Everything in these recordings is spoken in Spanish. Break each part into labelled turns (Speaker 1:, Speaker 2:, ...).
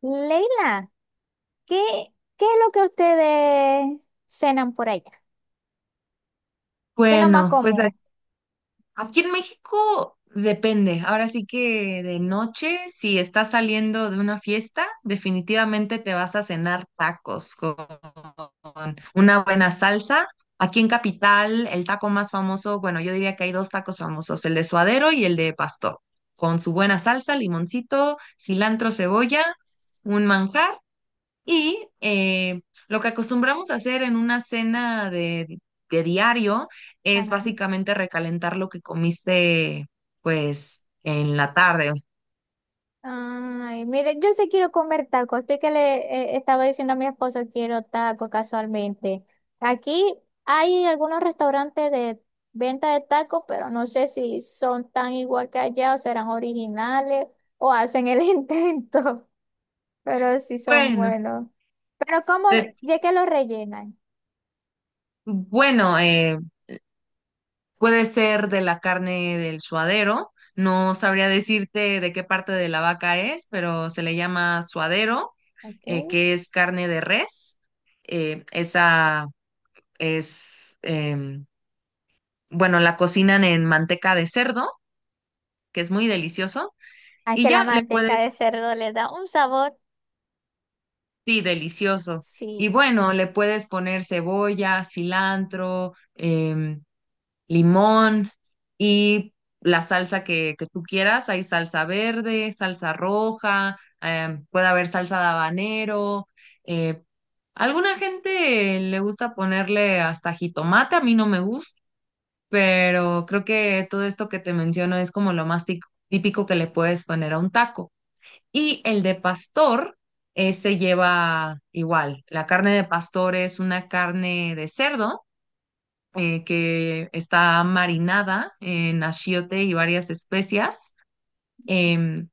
Speaker 1: Leila, ¿qué, qué es lo que ustedes cenan por allá? ¿Qué es lo más
Speaker 2: Bueno, pues
Speaker 1: común?
Speaker 2: aquí en México depende. Ahora sí que de noche, si estás saliendo de una fiesta, definitivamente te vas a cenar tacos con una buena salsa. Aquí en Capital, el taco más famoso, bueno, yo diría que hay dos tacos famosos, el de suadero y el de pastor, con su buena salsa, limoncito, cilantro, cebolla, un manjar. Y eh, lo que acostumbramos a hacer en una cena de diario es
Speaker 1: Ajá.
Speaker 2: básicamente recalentar lo que comiste, pues, en la tarde.
Speaker 1: Ay, mire, yo sí quiero comer tacos. Estoy que le estaba diciendo a mi esposo, quiero tacos casualmente. Aquí hay algunos restaurantes de venta de tacos, pero no sé si son tan igual que allá o serán originales o hacen el intento, pero sí son
Speaker 2: Bueno,
Speaker 1: buenos. Pero ¿cómo?
Speaker 2: de-
Speaker 1: Ya que los rellenan,
Speaker 2: bueno, puede ser de la carne del suadero. No sabría decirte de qué parte de la vaca es, pero se le llama suadero,
Speaker 1: ¿ok?
Speaker 2: que es carne de res. Esa es, bueno, la cocinan en manteca de cerdo que es muy delicioso,
Speaker 1: Ah,
Speaker 2: y
Speaker 1: que la
Speaker 2: ya le
Speaker 1: manteca
Speaker 2: puedes,
Speaker 1: de cerdo le da un sabor,
Speaker 2: sí, delicioso. Y
Speaker 1: sí,
Speaker 2: bueno, le puedes poner cebolla, cilantro, limón y la salsa que tú quieras. Hay salsa verde, salsa roja, puede haber salsa de habanero. eh, Alguna gente le gusta ponerle hasta jitomate, a mí no me gusta, pero creo que todo esto que te menciono es como lo más típico que le puedes poner a un taco. Y el de pastor se lleva igual. La carne de pastor es una carne de cerdo que está marinada en achiote y varias especias. em,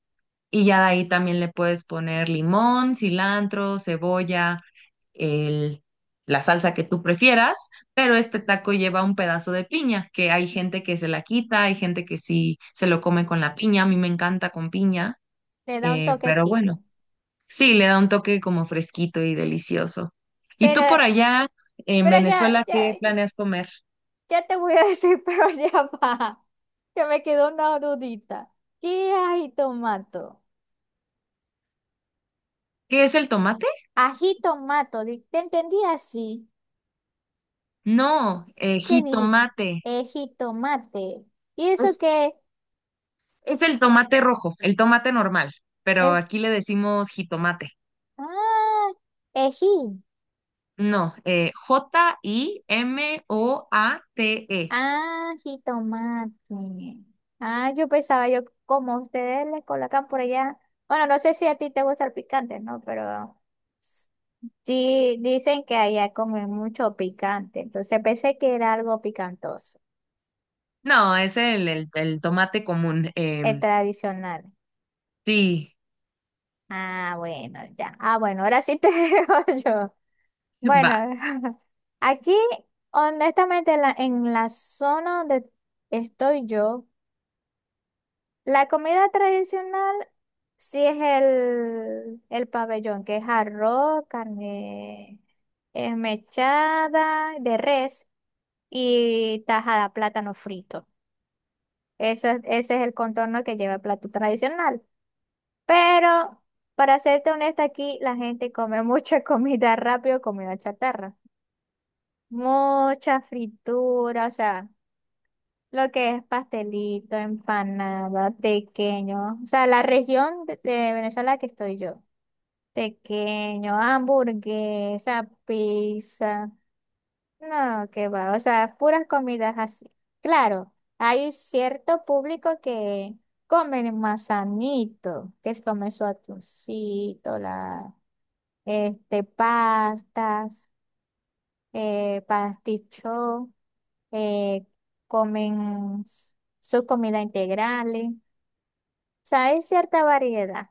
Speaker 2: y ya de ahí también le puedes poner limón, cilantro, cebolla, el- la salsa que tú prefieras, pero este taco lleva un pedazo de piña, que hay gente que se la quita, hay gente que sí se lo come con la piña, a mí me encanta con piña,
Speaker 1: le da un
Speaker 2: pero
Speaker 1: toquecito.
Speaker 2: bueno. Sí, le da un toque como fresquito y delicioso. ¿Y
Speaker 1: Pero,
Speaker 2: tú por allá en
Speaker 1: pero ya,
Speaker 2: Venezuela
Speaker 1: ya,
Speaker 2: qué planeas comer?
Speaker 1: ya te voy a decir, pero ya va, que me quedó una dudita. ¿Qué ají tomato?
Speaker 2: ¿Qué es el tomate?
Speaker 1: Ají tomato, ¿te entendí así?
Speaker 2: No,
Speaker 1: ¿Qué dijiste?
Speaker 2: jitomate.
Speaker 1: Ejitomate. ¿Y eso
Speaker 2: Es,
Speaker 1: qué?
Speaker 2: es el tomate rojo, el tomate normal, pero
Speaker 1: El,
Speaker 2: aquí le decimos jitomate.
Speaker 1: ah, ejí.
Speaker 2: No, J-I-M-O-A-T-E.
Speaker 1: Ah, jitomate. Ah, yo pensaba, yo como ustedes le colocan por allá. Bueno, no sé si a ti te gusta el picante, ¿no? Pero sí dicen que allá comen mucho picante. Entonces pensé que era algo picantoso,
Speaker 2: No, es el tomate común.
Speaker 1: es tradicional.
Speaker 2: Sí,
Speaker 1: Ah, bueno, ya. Ah, bueno, ahora sí te digo yo. Bueno,
Speaker 2: va.
Speaker 1: aquí, honestamente, en la zona donde estoy yo. La comida tradicional sí es el pabellón, que es arroz, carne mechada de res y tajada, plátano frito. Ese es el contorno que lleva el plato tradicional. Pero, para serte honesta, aquí la gente come mucha comida rápido, comida chatarra. Mucha fritura, o sea. Lo que es pastelito, empanada, tequeño. O sea, la región de Venezuela que estoy yo. Tequeño, hamburguesa, pizza. No, qué va. O sea, puras comidas así. Claro, hay cierto público que comen más sanito, que es comer su atuncito, este, pastas, pasticho, eh, comen s- sus comidas integrales. O sea, hay cierta variedad.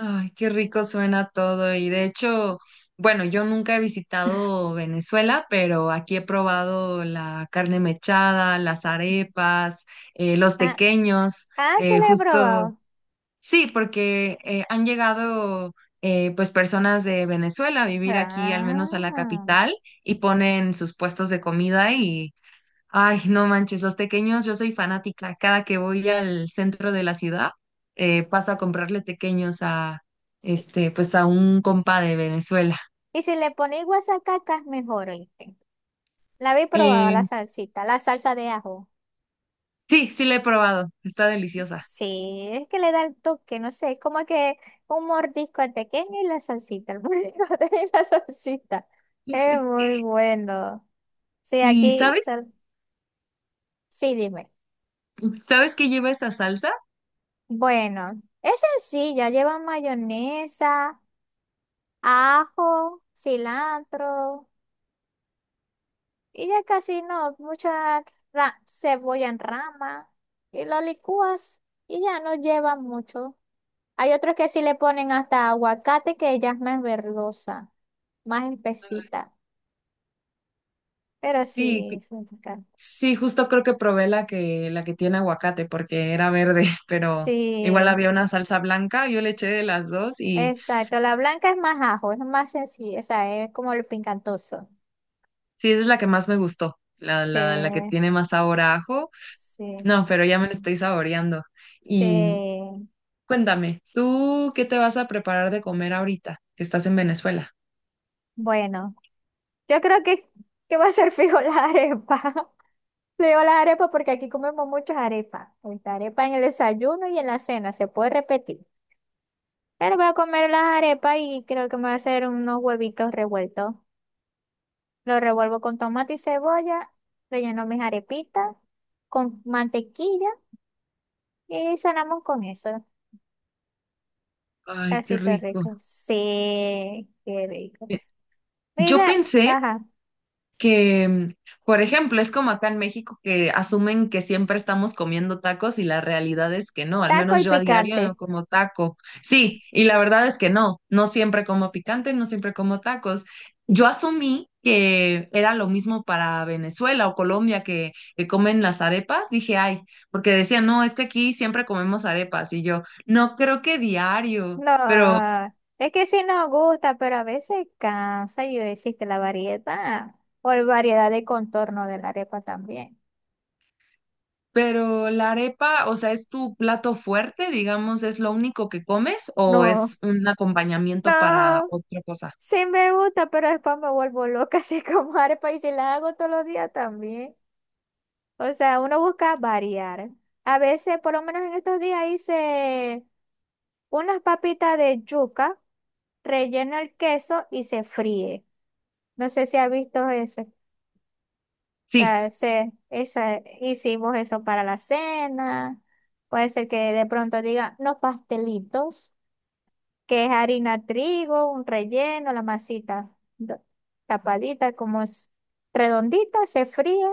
Speaker 2: Ay, qué rico suena todo. Y de hecho, bueno, yo nunca he visitado Venezuela, pero aquí he probado la carne mechada, las arepas, los
Speaker 1: Ah,
Speaker 2: tequeños,
Speaker 1: ah, sí le he
Speaker 2: justo,
Speaker 1: probado.
Speaker 2: sí, porque han llegado pues personas de Venezuela a vivir aquí, al menos a la
Speaker 1: Ah.
Speaker 2: capital, y ponen sus puestos de comida. Ay, no manches, los tequeños, yo soy fanática. Cada que voy al centro de la ciudad, paso a comprarle tequeños a, este, pues a un compa de Venezuela.
Speaker 1: Y si le ponéis guasacacas, mejor, oíste. La habéis probado
Speaker 2: Eh,
Speaker 1: la salsita, la salsa de ajo.
Speaker 2: sí, sí la he probado, está deliciosa.
Speaker 1: Sí, es que le da el toque, no sé, como que un mordisco al pequeño y la salsita, el mordisco y la salsita. Es muy bueno. Sí,
Speaker 2: ¿Y
Speaker 1: aquí, tal- sí, dime.
Speaker 2: sabes qué lleva esa salsa?
Speaker 1: Bueno, es sencilla, lleva mayonesa, ajo, cilantro. Y ya casi no, mucha cebolla en rama y lo licúas y ya no lleva mucho. Hay otros que sí le ponen hasta aguacate que ya es más verdosa, más espesita. Pero
Speaker 2: Sí,
Speaker 1: sí, es muy rica.
Speaker 2: sí, justo creo que probé la que tiene aguacate porque era verde, pero igual
Speaker 1: Sí,
Speaker 2: había una salsa blanca, yo le eché de las dos y
Speaker 1: exacto. La blanca es más ajo, es más sencilla, o sea, es como el pincantoso.
Speaker 2: sí, esa es la que más me gustó,
Speaker 1: Sí,
Speaker 2: la que tiene más sabor a ajo.
Speaker 1: sí,
Speaker 2: No, pero ya me lo estoy saboreando. Y
Speaker 1: sí.
Speaker 2: cuéntame, ¿tú qué te vas a preparar de comer ahorita? Estás en Venezuela.
Speaker 1: Bueno, yo creo que va a ser fijo la arepa. Le digo las arepas porque aquí comemos muchas arepas. Ahorita arepa en el desayuno y en la cena, se puede repetir. Pero voy a comer las arepas y creo que me voy a hacer unos huevitos revueltos. Los revuelvo con tomate y cebolla, relleno mis arepitas con mantequilla y cenamos con eso.
Speaker 2: Ay, qué
Speaker 1: Casito
Speaker 2: rico.
Speaker 1: rico. Sí, qué rico.
Speaker 2: Eh, Yo
Speaker 1: Mira,
Speaker 2: pensé
Speaker 1: ajá,
Speaker 2: que, por ejemplo, es como acá en México que asumen que siempre estamos comiendo tacos y la realidad es que no, al
Speaker 1: taco
Speaker 2: menos
Speaker 1: y
Speaker 2: yo a diario
Speaker 1: picante.
Speaker 2: no como taco. Sí, y la verdad es que no, no siempre como picante, no siempre como tacos. Yo asumí que era lo mismo para Venezuela o Colombia que comen las arepas, dije, ay, porque decían, no, es que aquí siempre comemos arepas y yo, no creo que diario,
Speaker 1: No,
Speaker 2: pero
Speaker 1: es que sí nos gusta, pero a veces cansa y existe la variedad o la variedad de contorno de la arepa también.
Speaker 2: Pero la arepa, o sea, ¿es tu plato fuerte, digamos, es lo único que comes o
Speaker 1: No,
Speaker 2: es un acompañamiento para
Speaker 1: no,
Speaker 2: otra cosa?
Speaker 1: sí me gusta, pero después me vuelvo loca así como arepa y si la hago todos los días también. O sea, uno busca variar. A veces, por lo menos en estos días hice unas papitas de yuca, relleno el queso y se fríe. No sé si has visto eso. O
Speaker 2: Sí.
Speaker 1: sea, hicimos eso para la cena. Puede ser que de pronto diga no pastelitos, que es harina trigo, un relleno, la masita do- tapadita, como es redondita, se fríe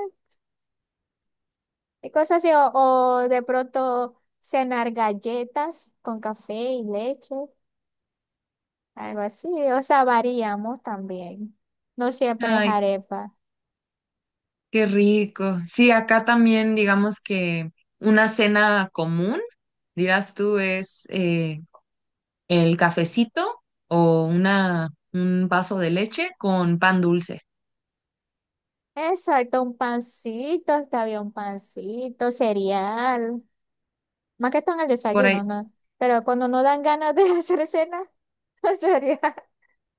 Speaker 1: y cosas así. O de pronto cenar galletas con café y leche, algo así. O sea, variamos también. No siempre es
Speaker 2: Ay,
Speaker 1: arepa.
Speaker 2: qué rico. Sí, acá también, digamos que una cena común, dirás tú, es el cafecito o un vaso de leche con pan dulce.
Speaker 1: Exacto, un pancito, está bien, un pancito, cereal. Más que todo en el
Speaker 2: Por ahí.
Speaker 1: desayuno, ¿no? Pero cuando no dan ganas de hacer cena, sería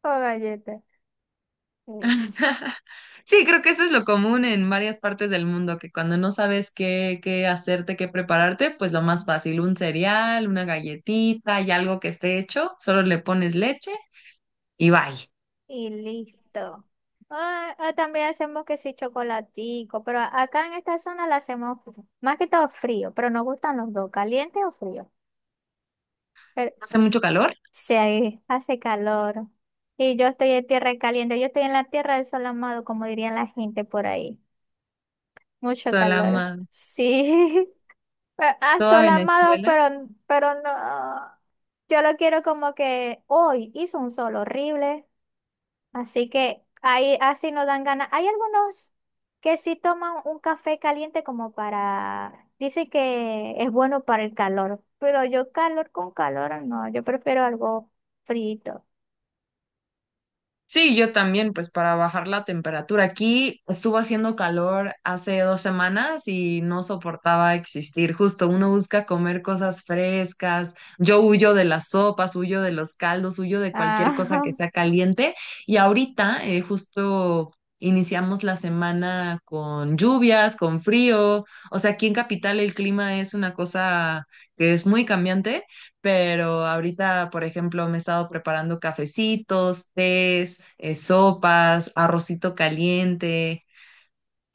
Speaker 1: o galletas. Sí.
Speaker 2: Sí, creo que eso es lo común en varias partes del mundo, que cuando no sabes qué hacerte, qué prepararte, pues lo más fácil, un cereal, una galletita y algo que esté hecho, solo le pones leche y bye.
Speaker 1: Y listo. Ah, ah, también hacemos que sí, chocolatico, pero acá en esta zona la hacemos más que todo frío, pero nos gustan los dos, caliente o frío. Pero
Speaker 2: Hace mucho calor,
Speaker 1: sí, ahí hace calor. Y yo estoy en tierra caliente, yo estoy en la tierra del sol amado, como dirían la gente por ahí. Mucho calor.
Speaker 2: Salama,
Speaker 1: Sí. Pero,
Speaker 2: toda
Speaker 1: ah, amado,
Speaker 2: Venezuela.
Speaker 1: pero no. Yo lo quiero como que hoy hizo un sol horrible, así que ahí así no dan ganas. Hay algunos que sí toman un café caliente como para, dice que es bueno para el calor, pero yo calor con calor no, yo prefiero algo frito.
Speaker 2: Sí, yo también, pues para bajar la temperatura. Aquí estuvo haciendo calor hace 2 semanas y no soportaba existir. Justo uno busca comer cosas frescas. Yo huyo de las sopas, huyo de los caldos, huyo de cualquier cosa que
Speaker 1: Ah,
Speaker 2: sea caliente. Y ahorita justo iniciamos la semana con lluvias, con frío. O sea, aquí en Capital el clima es una cosa que es muy cambiante, pero ahorita, por ejemplo, me he estado preparando cafecitos, tés, sopas, arrocito caliente.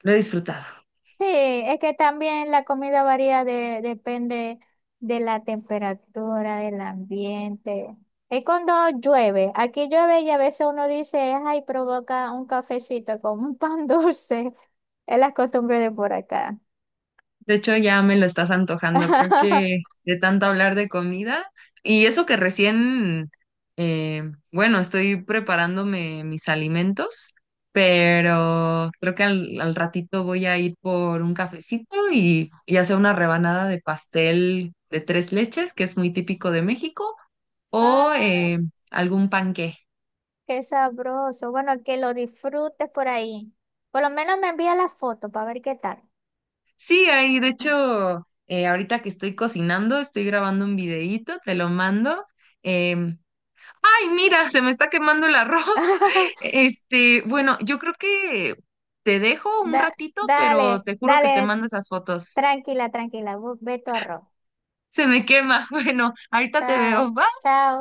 Speaker 2: Lo he disfrutado.
Speaker 1: sí, es que también la comida varía de, depende de la temperatura, del ambiente. Es cuando llueve. Aquí llueve y a veces uno dice, ay, provoca un cafecito con un pan dulce. Es la costumbre de por acá.
Speaker 2: De hecho, ya me lo estás antojando. Creo que de tanto hablar de comida y eso que recién, bueno, estoy preparándome mis alimentos, pero creo que al ratito voy a ir por un cafecito y hacer una rebanada de pastel de tres leches, que es muy típico de México o
Speaker 1: Ay,
Speaker 2: algún panqué.
Speaker 1: qué sabroso. Bueno, que lo disfrutes por ahí. Por lo menos me envía la foto para ver qué tal.
Speaker 2: Sí, ahí, de hecho, ahorita que estoy cocinando, estoy grabando un videíto, te lo mando. Em, Ay, mira, se me está quemando el arroz. Este, bueno, yo creo que te dejo un
Speaker 1: Da-
Speaker 2: ratito, pero
Speaker 1: dale,
Speaker 2: te juro que te
Speaker 1: dale,
Speaker 2: mando esas fotos.
Speaker 1: tranquila, tranquila. Ve tu arroz.
Speaker 2: Se me quema. Bueno, ahorita te
Speaker 1: Chao,
Speaker 2: veo.
Speaker 1: chao.